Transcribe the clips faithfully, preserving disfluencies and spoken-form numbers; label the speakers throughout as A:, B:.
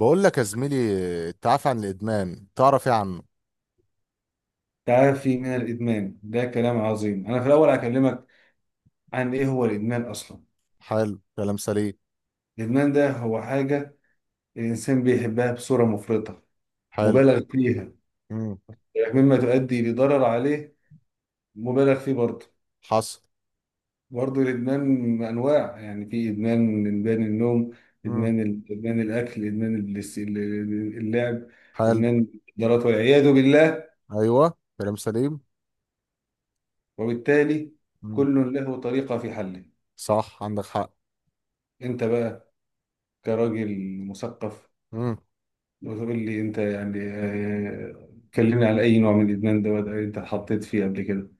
A: بقول لك يا زميلي، التعافي عن الادمان تعرف ايه عنه؟
B: تعافي من الإدمان ده كلام عظيم. أنا في الأول هكلمك عن إيه هو الإدمان أصلا.
A: حلو، كلام سليم.
B: الإدمان ده هو حاجة الإنسان بيحبها بصورة مفرطة
A: حلو.
B: مبالغ فيها
A: امم.
B: مما تؤدي لضرر عليه مبالغ فيه برضه.
A: حصل.
B: برضه الإدمان أنواع، يعني في إدمان إدمان النوم،
A: امم.
B: إدمان ال- إدمان الأكل، إدمان البلايس- اللعب،
A: حلو.
B: إدمان المخدرات والعياذ بالله.
A: ايوه، كلام سليم.
B: وبالتالي
A: امم.
B: كل له طريقة في حله.
A: صح، عندك حق.
B: أنت بقى كراجل مثقف وتقول لي، انت يعني آه، كلمني على اي نوع من الادمان ده، وده انت اتحطيت فيه قبل كده؟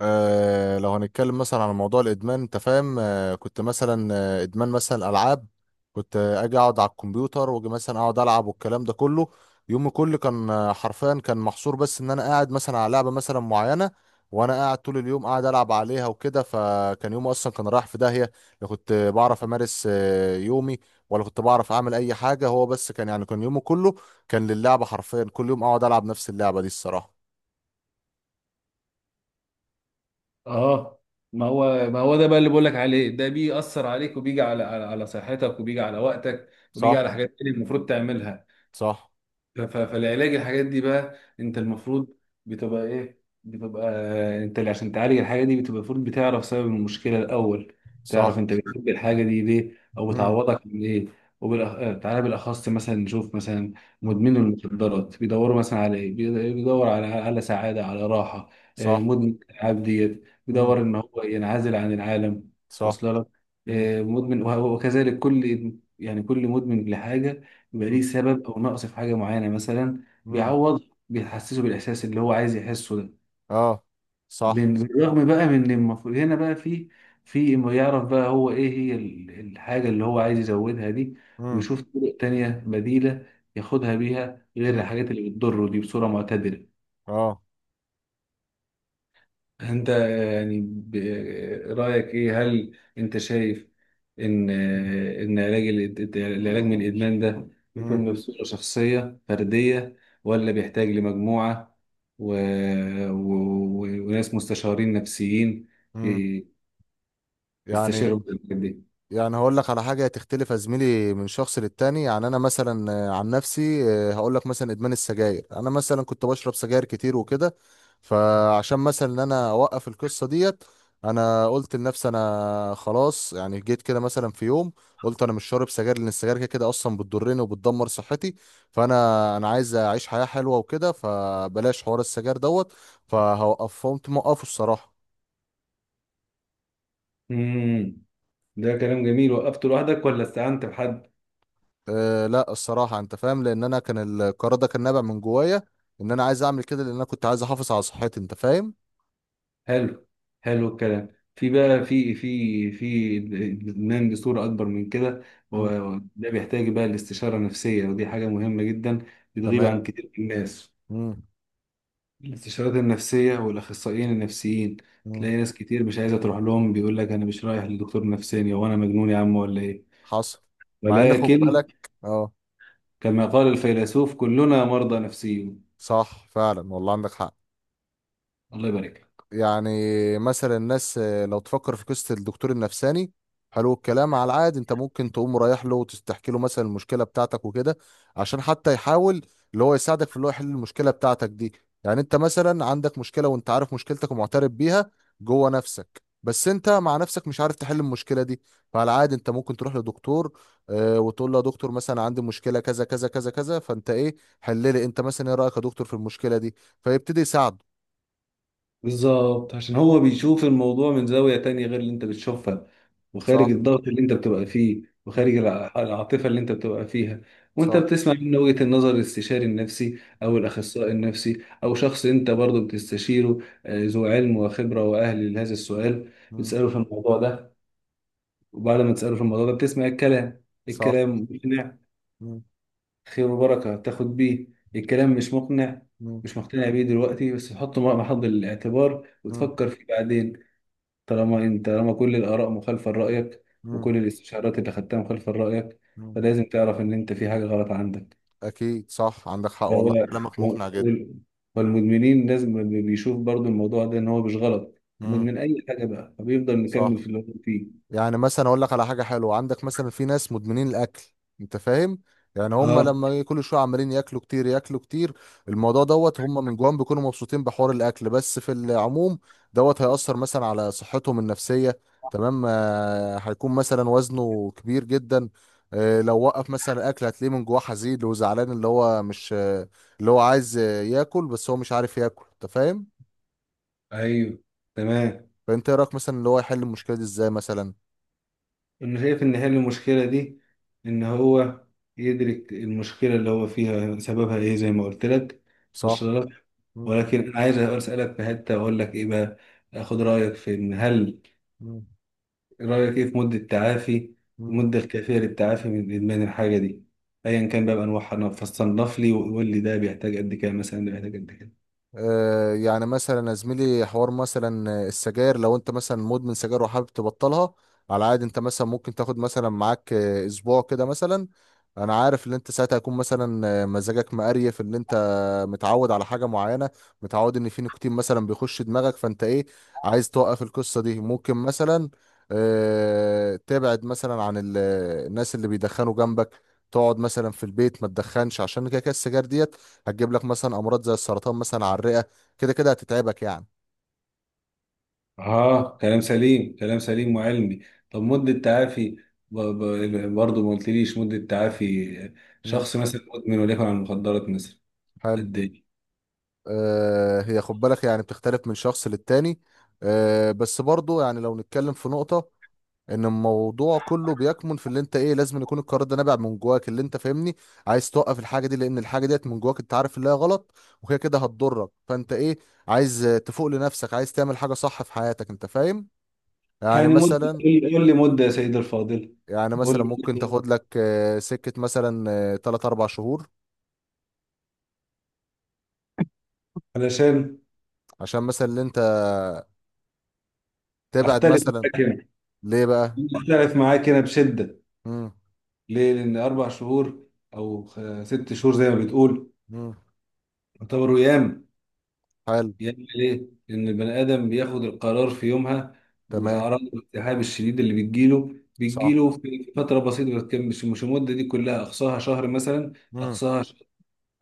A: آه، لو هنتكلم مثلا عن موضوع الادمان، انت فاهم، آه كنت مثلا آه ادمان مثلا العاب. كنت آه اجي اقعد على الكمبيوتر، واجي مثلا اقعد العب والكلام ده كله. يومي كله كان آه حرفيا كان محصور بس ان انا قاعد مثلا على لعبه مثلا معينه، وانا قاعد طول اليوم قاعد العب عليها وكده، فكان يومي اصلا كان رايح في داهيه. لا كنت بعرف امارس آه يومي، ولا كنت بعرف اعمل اي حاجه، هو بس كان يعني كان يومي كله كان للعبه، حرفيا كل يوم اقعد العب نفس اللعبه دي الصراحه.
B: اه، ما هو ما هو ده بقى اللي بقول لك عليه، ده بيأثر عليك، وبيجي على على على صحتك، وبيجي على وقتك، وبيجي
A: صح.
B: على حاجات تانية المفروض تعملها.
A: صح.
B: ف- ف- فالعلاج الحاجات دي بقى انت
A: مم.
B: المفروض بتبقى ايه، بتبقى انت اللي عشان تعالج الحاجه دي بتبقى المفروض بتعرف سبب المشكله الاول.
A: صح.
B: تعرف انت بتحب الحاجه دي ليه، او
A: مم.
B: بتعوضك من ايه. وبالأخ... آه، تعالى بالاخص مثلا نشوف، مثلا
A: مم.
B: مدمنوا المخدرات بيدوروا مثلا على ايه؟ بيد- بيدور على على سعاده، على راحه. آه،
A: صح.
B: مدمن الالعاب ديت
A: مم.
B: بيدور ان هو ينعزل عن العالم.
A: صح.
B: واصل لك؟
A: مم.
B: آه، مدمن وه- وكذلك كل، يعني كل مدمن لحاجه بيبقى
A: مم.
B: ليه سبب او نقص في حاجه معينه مثلا
A: مم.
B: بيعوض، بيحسسه بالاحساس اللي هو عايز يحسه ده.
A: اه. صح.
B: بن- بالرغم بقى من إن المفروض هنا بقى في، في إنه يعرف بقى هو ايه هي ال- الحاجه اللي هو عايز يزودها دي،
A: مم.
B: ويشوف طرق تانية بديله ياخدها بيها غير
A: مم.
B: الحاجات اللي بتضره دي، بصوره معتدله.
A: اه.
B: انت يعني ب- رأيك ايه، هل انت شايف ان ان علاج الإد- العلاج من الادمان ده
A: مم.
B: يكون بصورة شخصية فردية، ولا بيحتاج لمجموعة و... و... و... وناس مستشارين نفسيين
A: مم.
B: ي-
A: يعني
B: يستشيروا في الحاجات دي؟
A: يعني هقول لك على حاجة تختلف يا زميلي من شخص للتاني. يعني أنا مثلا آه، عن نفسي، آه، هقول لك مثلا إدمان السجاير. أنا مثلا كنت بشرب سجاير كتير وكده، فعشان مثلا إن أنا أوقف القصة ديت، أنا قلت لنفسي أنا خلاص، يعني جيت كده مثلا في يوم، قلت أنا مش شارب سجاير، لأن السجاير كده كده أصلا بتضرني وبتدمر صحتي. فأنا أنا عايز أعيش حياة حلوة وكده، فبلاش حوار السجاير دوت، فهوقف، فقمت موقفه الصراحة.
B: امم، ده كلام جميل. وقفته لوحدك ولا استعنت بحد؟
A: أه لا، الصراحة انت فاهم، لان انا كان القرار ده كان نابع من جوايا، ان انا عايز اعمل كده، لان انا كنت عايز احافظ على صحتي، انت فاهم.
B: حلو، حلو الكلام. في بقى في في في الادمان بصورة أكبر من كده،
A: مم.
B: وده بيحتاج بقى الاستشارة النفسية، ودي حاجة مهمة جدا بتغيب
A: تمام.
B: عن كتير من الناس.
A: مم.
B: الاستشارات النفسية والأخصائيين النفسيين
A: مم.
B: تلاقي ناس كتير مش عايزة تروح لهم، بيقول لك أنا مش رايح لدكتور نفساني، هو أنا مجنون يا عم ولا إيه؟
A: حصل. مع ان خد
B: ولكن
A: بالك. اه.
B: كما قال الفيلسوف، كلنا مرضى نفسيون.
A: صح فعلا، والله عندك حق.
B: الله يبارك لك.
A: يعني مثلا الناس، آه، لو تفكر في قصة الدكتور النفساني، حلو الكلام. على العاد انت ممكن تقوم رايح له وتحكي له مثلا المشكلة بتاعتك وكده، عشان حتى يحاول اللي هو يساعدك في اللي هو يحل المشكلة بتاعتك دي. يعني انت مثلا عندك مشكلة، وانت عارف مشكلتك ومعترف بيها جوه نفسك، بس انت مع نفسك مش عارف تحل المشكلة دي. فعلى العاد انت ممكن تروح لدكتور، آه، وتقول له يا دكتور مثلا عندي مشكلة كذا كذا كذا كذا، فانت ايه، حل لي، انت مثلا ايه رأيك يا دكتور في المشكلة دي؟ فيبتدي يساعده.
B: بالظبط، عشان هو بيشوف الموضوع من زاوية تانية غير اللي انت بتشوفها، وخارج
A: صح.
B: الضغط اللي انت بتبقى فيه،
A: مم.
B: وخارج الع- العاطفة اللي انت بتبقى فيها، وانت
A: صح.
B: بتسمع منه وجهة النظر، الاستشاري النفسي او
A: مم.
B: الاخصائي النفسي او شخص انت برضو بتستشيره، آه، ذو علم وخبرة واهل لهذا السؤال.
A: مم.
B: بتسأله في الموضوع ده، وبعد ما تسأله في الموضوع ده بتسمع الكلام،
A: صح.
B: الكلام مقنع،
A: مم.
B: خير وبركة تاخد بيه. الكلام مش مقنع،
A: مم.
B: مش مقتنع بيه دلوقتي، بس تحطه مع محض الاعتبار
A: مم.
B: وتفكر فيه بعدين. طالما انت، طالما كل الاراء مخالفه لرايك،
A: مم.
B: وكل الاستشارات اللي خدتها مخالفه لرايك،
A: مم.
B: فلازم تعرف ان انت في حاجه غلط عندك.
A: أكيد صح، عندك حق والله،
B: هو
A: كلامك مقنع جدا.
B: وال- والمدمنين لازم بي- بيشوف برضو الموضوع ده ان هو مش غلط.
A: مم.
B: مدمن اي حاجه بقى فبيفضل مكمل
A: صح.
B: في اللي هو فيه.
A: يعني مثلا اقول لك على حاجه حلوه، عندك مثلا في ناس مدمنين الاكل، انت فاهم. يعني هم
B: اه،
A: لما كل شويه عمالين ياكلوا كتير، ياكلوا كتير، الموضوع دوت هم من جواهم بيكونوا مبسوطين بحوار الاكل، بس في العموم دوت هيأثر مثلا على صحتهم النفسيه. تمام، آه، هيكون مثلا وزنه كبير جدا. آه، لو وقف مثلا الاكل، هتلاقيه من جواه حزين وزعلان، اللي هو مش آه، اللي هو عايز آه، ياكل بس هو مش عارف ياكل، انت فاهم.
B: ايوه، تمام.
A: فانت إيه رايك مثلا اللي هو يحل المشكله دي ازاي مثلا؟
B: انا شايف ان حل المشكله دي ان هو يدرك المشكله اللي هو فيها سببها ايه، زي ما قلت لك.
A: صح.
B: وصل لك؟
A: مم.
B: ولكن انا عايز اسالك في حته، اقول لك ايه بقى، اخد رايك في ان هل،
A: مم.
B: إيه رأيك إيه في مدة تعافي،
A: مم.
B: المدة الكافية للتعافي من إدمان الحاجة دي أيا كان بقى بأنواعها. أنا فصنف لي وقول لي، ده بيحتاج قد كده مثلا، ده بيحتاج قد كده.
A: آه، يعني مثلا يا زميلي حوار مثلا السجاير، لو انت مثلا مدمن سجاير وحابب تبطلها، على عادي انت مثلا ممكن تاخد مثلا معاك آه، اسبوع كده مثلا. انا عارف ان انت ساعتها هيكون مثلا آه، مزاجك مقريف، ان انت متعود على حاجه معينه، متعود ان في نيكوتين مثلا بيخش دماغك، فانت ايه، عايز توقف القصه دي. ممكن مثلا آه، تبعد مثلا عن ال- الناس اللي بيدخنوا جنبك، تقعد مثلا في البيت ما تدخنش، عشان كده كده السجاير دي هتجيب لك مثلا امراض زي السرطان مثلا على الرئه، كده كده هتتعبك يعني.
B: آه، كلام سليم، كلام سليم وعلمي. طب مدة تعافي، ب- ب- برضه ما قلتليش مدة تعافي.
A: مم.
B: شخص مثلا مدمن وليكن على المخدرات مثلا،
A: حلو.
B: قد إيه؟
A: آه هي خد بالك يعني بتختلف من شخص للتاني. آه بس برضو يعني لو نتكلم في نقطة، ان الموضوع كله بيكمن في اللي انت ايه، لازم يكون القرار ده نابع من جواك، اللي انت فاهمني، عايز توقف الحاجة دي، لان الحاجة ديت من جواك انت عارف اللي هي غلط، وهي كده هتضرك، فانت ايه، عايز آه، تفوق لنفسك، عايز تعمل حاجة صح في حياتك، انت فاهم. يعني
B: يعني مدة،
A: مثلا
B: قول لي، قول لي مدة يا سيدي الفاضل.
A: يعني
B: قول
A: مثلا
B: لي
A: ممكن
B: مدة
A: تاخد لك آه، سكة مثلا تلاتة اربع شهور،
B: علشان
A: عشان مثلا اللي انت تبعد
B: أختلف
A: مثلا.
B: معاك هنا،
A: ليه بقى؟
B: أختلف معاك هنا بشدة.
A: امم.
B: ليه؟ لأن أربع شهور أو خ- ست شهور زي ما بتقول
A: امم.
B: يعتبروا أيام.
A: حلو.
B: أيام ليه؟ لأن
A: مم.
B: البني آدم بياخد القرار في يومها،
A: تمام.
B: وأعراض الالتهاب الشديد اللي بتجيله
A: صح.
B: بتجيله في فترة بسيطة ما بتكملش. مش المدة دي كلها، أقصاها شهر مثلا.
A: امم.
B: أقصاها شهر،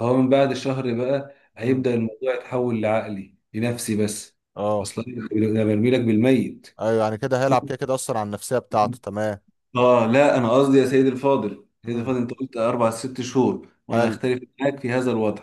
B: هو من بعد الشهر بقى
A: امم.
B: هيبدأ الموضوع يتحول لعقلي لنفسي بس.
A: اه.
B: أصلا أنا برمي لك بالميت.
A: ايوه يعني كده هيلعب كده كده اصلا على النفسيه بتاعته، تمام.
B: اه لا، انا قصدي يا سيدي الفاضل، سيدي
A: امم.
B: الفاضل انت قلت اربع ست شهور، وانا
A: حلو.
B: اختلف معاك في هذا الوضع.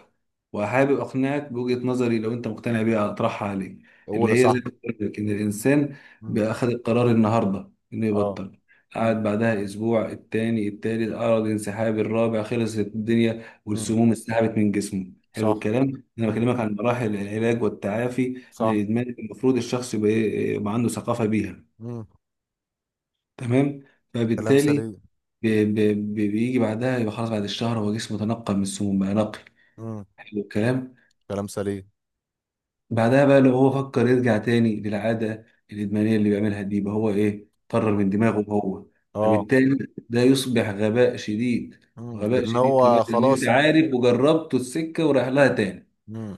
B: وحابب اقنعك بوجهة نظري، لو انت مقتنع بيها اطرحها عليك،
A: اولى
B: اللي هي
A: صح.
B: زي ما قلت لك، ان
A: امم.
B: الانسان
A: امم.
B: بأخذ القرار النهارده انه
A: اه.
B: يبطل.
A: امم.
B: قعد بعدها اسبوع، التاني، التالت اعرض انسحاب، الرابع خلصت الدنيا
A: امم.
B: والسموم انسحبت من جسمه. حلو
A: صح.
B: الكلام. انا
A: امم.
B: بكلمك عن مراحل العلاج والتعافي من
A: صح.
B: الادمان. المفروض الشخص يبقى إيه، يبقى عنده ثقافة بيها.
A: امم.
B: تمام،
A: كلام
B: فبالتالي
A: سليم.
B: ب- ب- بيجي بعدها يبقى خلاص، بعد الشهر هو جسمه تنقى من السموم، بقى نقي.
A: امم.
B: حلو الكلام.
A: كلام سليم.
B: بعدها بقى لو هو فكر يرجع تاني للعادة الإدمانية اللي بيعملها دي، يبقى هو إيه، طرر من دماغه هو.
A: اه.
B: فبالتالي ده يصبح غباء شديد.
A: امم
B: غباء
A: لان
B: شديد كمان،
A: هو
B: اللي أنت
A: خلاص انت.
B: عارف وجربته السكة وراح لها تاني.
A: مم.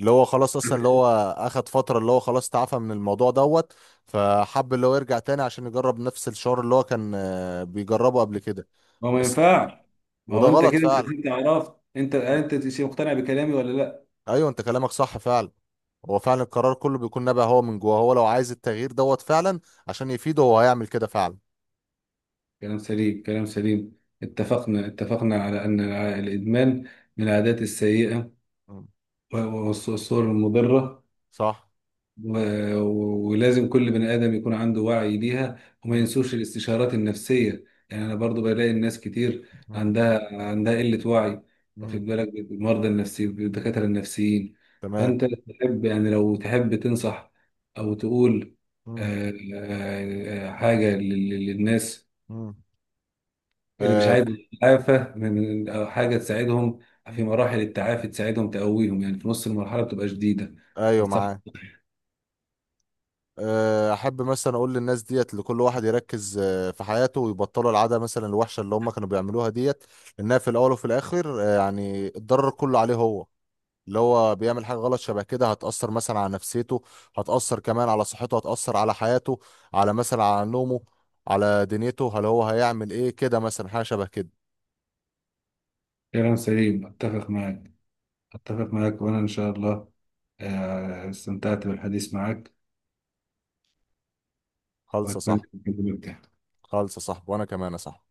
A: اللي هو خلاص اصلا، اللي هو اخد فترة، اللي هو خلاص تعافى من الموضوع دوت، فحب اللي هو يرجع تاني عشان يجرب نفس الشعور اللي هو كان آه، بيجربه قبل كده،
B: ما هو ما
A: بس.
B: ينفعش. ما
A: وده
B: هو أنت
A: غلط
B: كده،
A: فعلا.
B: أنت كده عرفت. أنت،
A: مم.
B: أنت مقتنع بكلامي ولا لأ؟
A: ايوه انت كلامك صح فعلا. هو فعلا القرار كله بيكون نابع هو من جوه هو، لو عايز التغيير دوت فعلا عشان يفيده، هو هيعمل كده فعلا.
B: كلام سليم، كلام سليم. اتفقنا، اتفقنا على أن الع- الإدمان من العادات السيئة
A: مم.
B: والصور المضرة،
A: صح.
B: و- و- ولازم كل بني آدم يكون عنده وعي بيها. وما
A: مم.
B: ينسوش الاستشارات النفسية، يعني أنا برضو بلاقي الناس كتير
A: مم.
B: عندها عندها قلة وعي، واخد
A: مم.
B: بالك، بالمرضى النفسي، بالدكاترة النفسيين.
A: تمام.
B: فأنت تحب يعني، لو تحب تنصح أو تقول
A: مم.
B: آه، آه، آه، حاجة لل- لل- للناس
A: مم.
B: اللي مش
A: آه.
B: عايز يتعافى من من- أو حاجة تساعدهم في
A: مم.
B: مراحل التعافي، تساعدهم تقويهم، يعني في نص المرحلة بتبقى شديدة.
A: ايوه، معاك. آه، احب مثلا اقول للناس ديت، لكل واحد يركز آه، في حياته ويبطلوا العاده مثلا الوحشه اللي هم كانوا بيعملوها ديت، لانها في الاول وفي الاخر آه، يعني الضرر كله عليه هو، اللي هو بيعمل حاجه غلط شبه كده هتاثر مثلا على نفسيته، هتاثر كمان على صحته، هتاثر على حياته، على مثلا على نومه، على دنيته. هل هو هيعمل ايه كده مثلا حاجه شبه كده؟
B: كلام سليم، أتفق معك، أتفق معك وأنا إن شاء الله آه، استمتعت بالحديث معك،
A: خالصه
B: وأتمنى
A: صح.
B: أن أكلمك تاني.
A: خالصه صح، وانا كمان صح.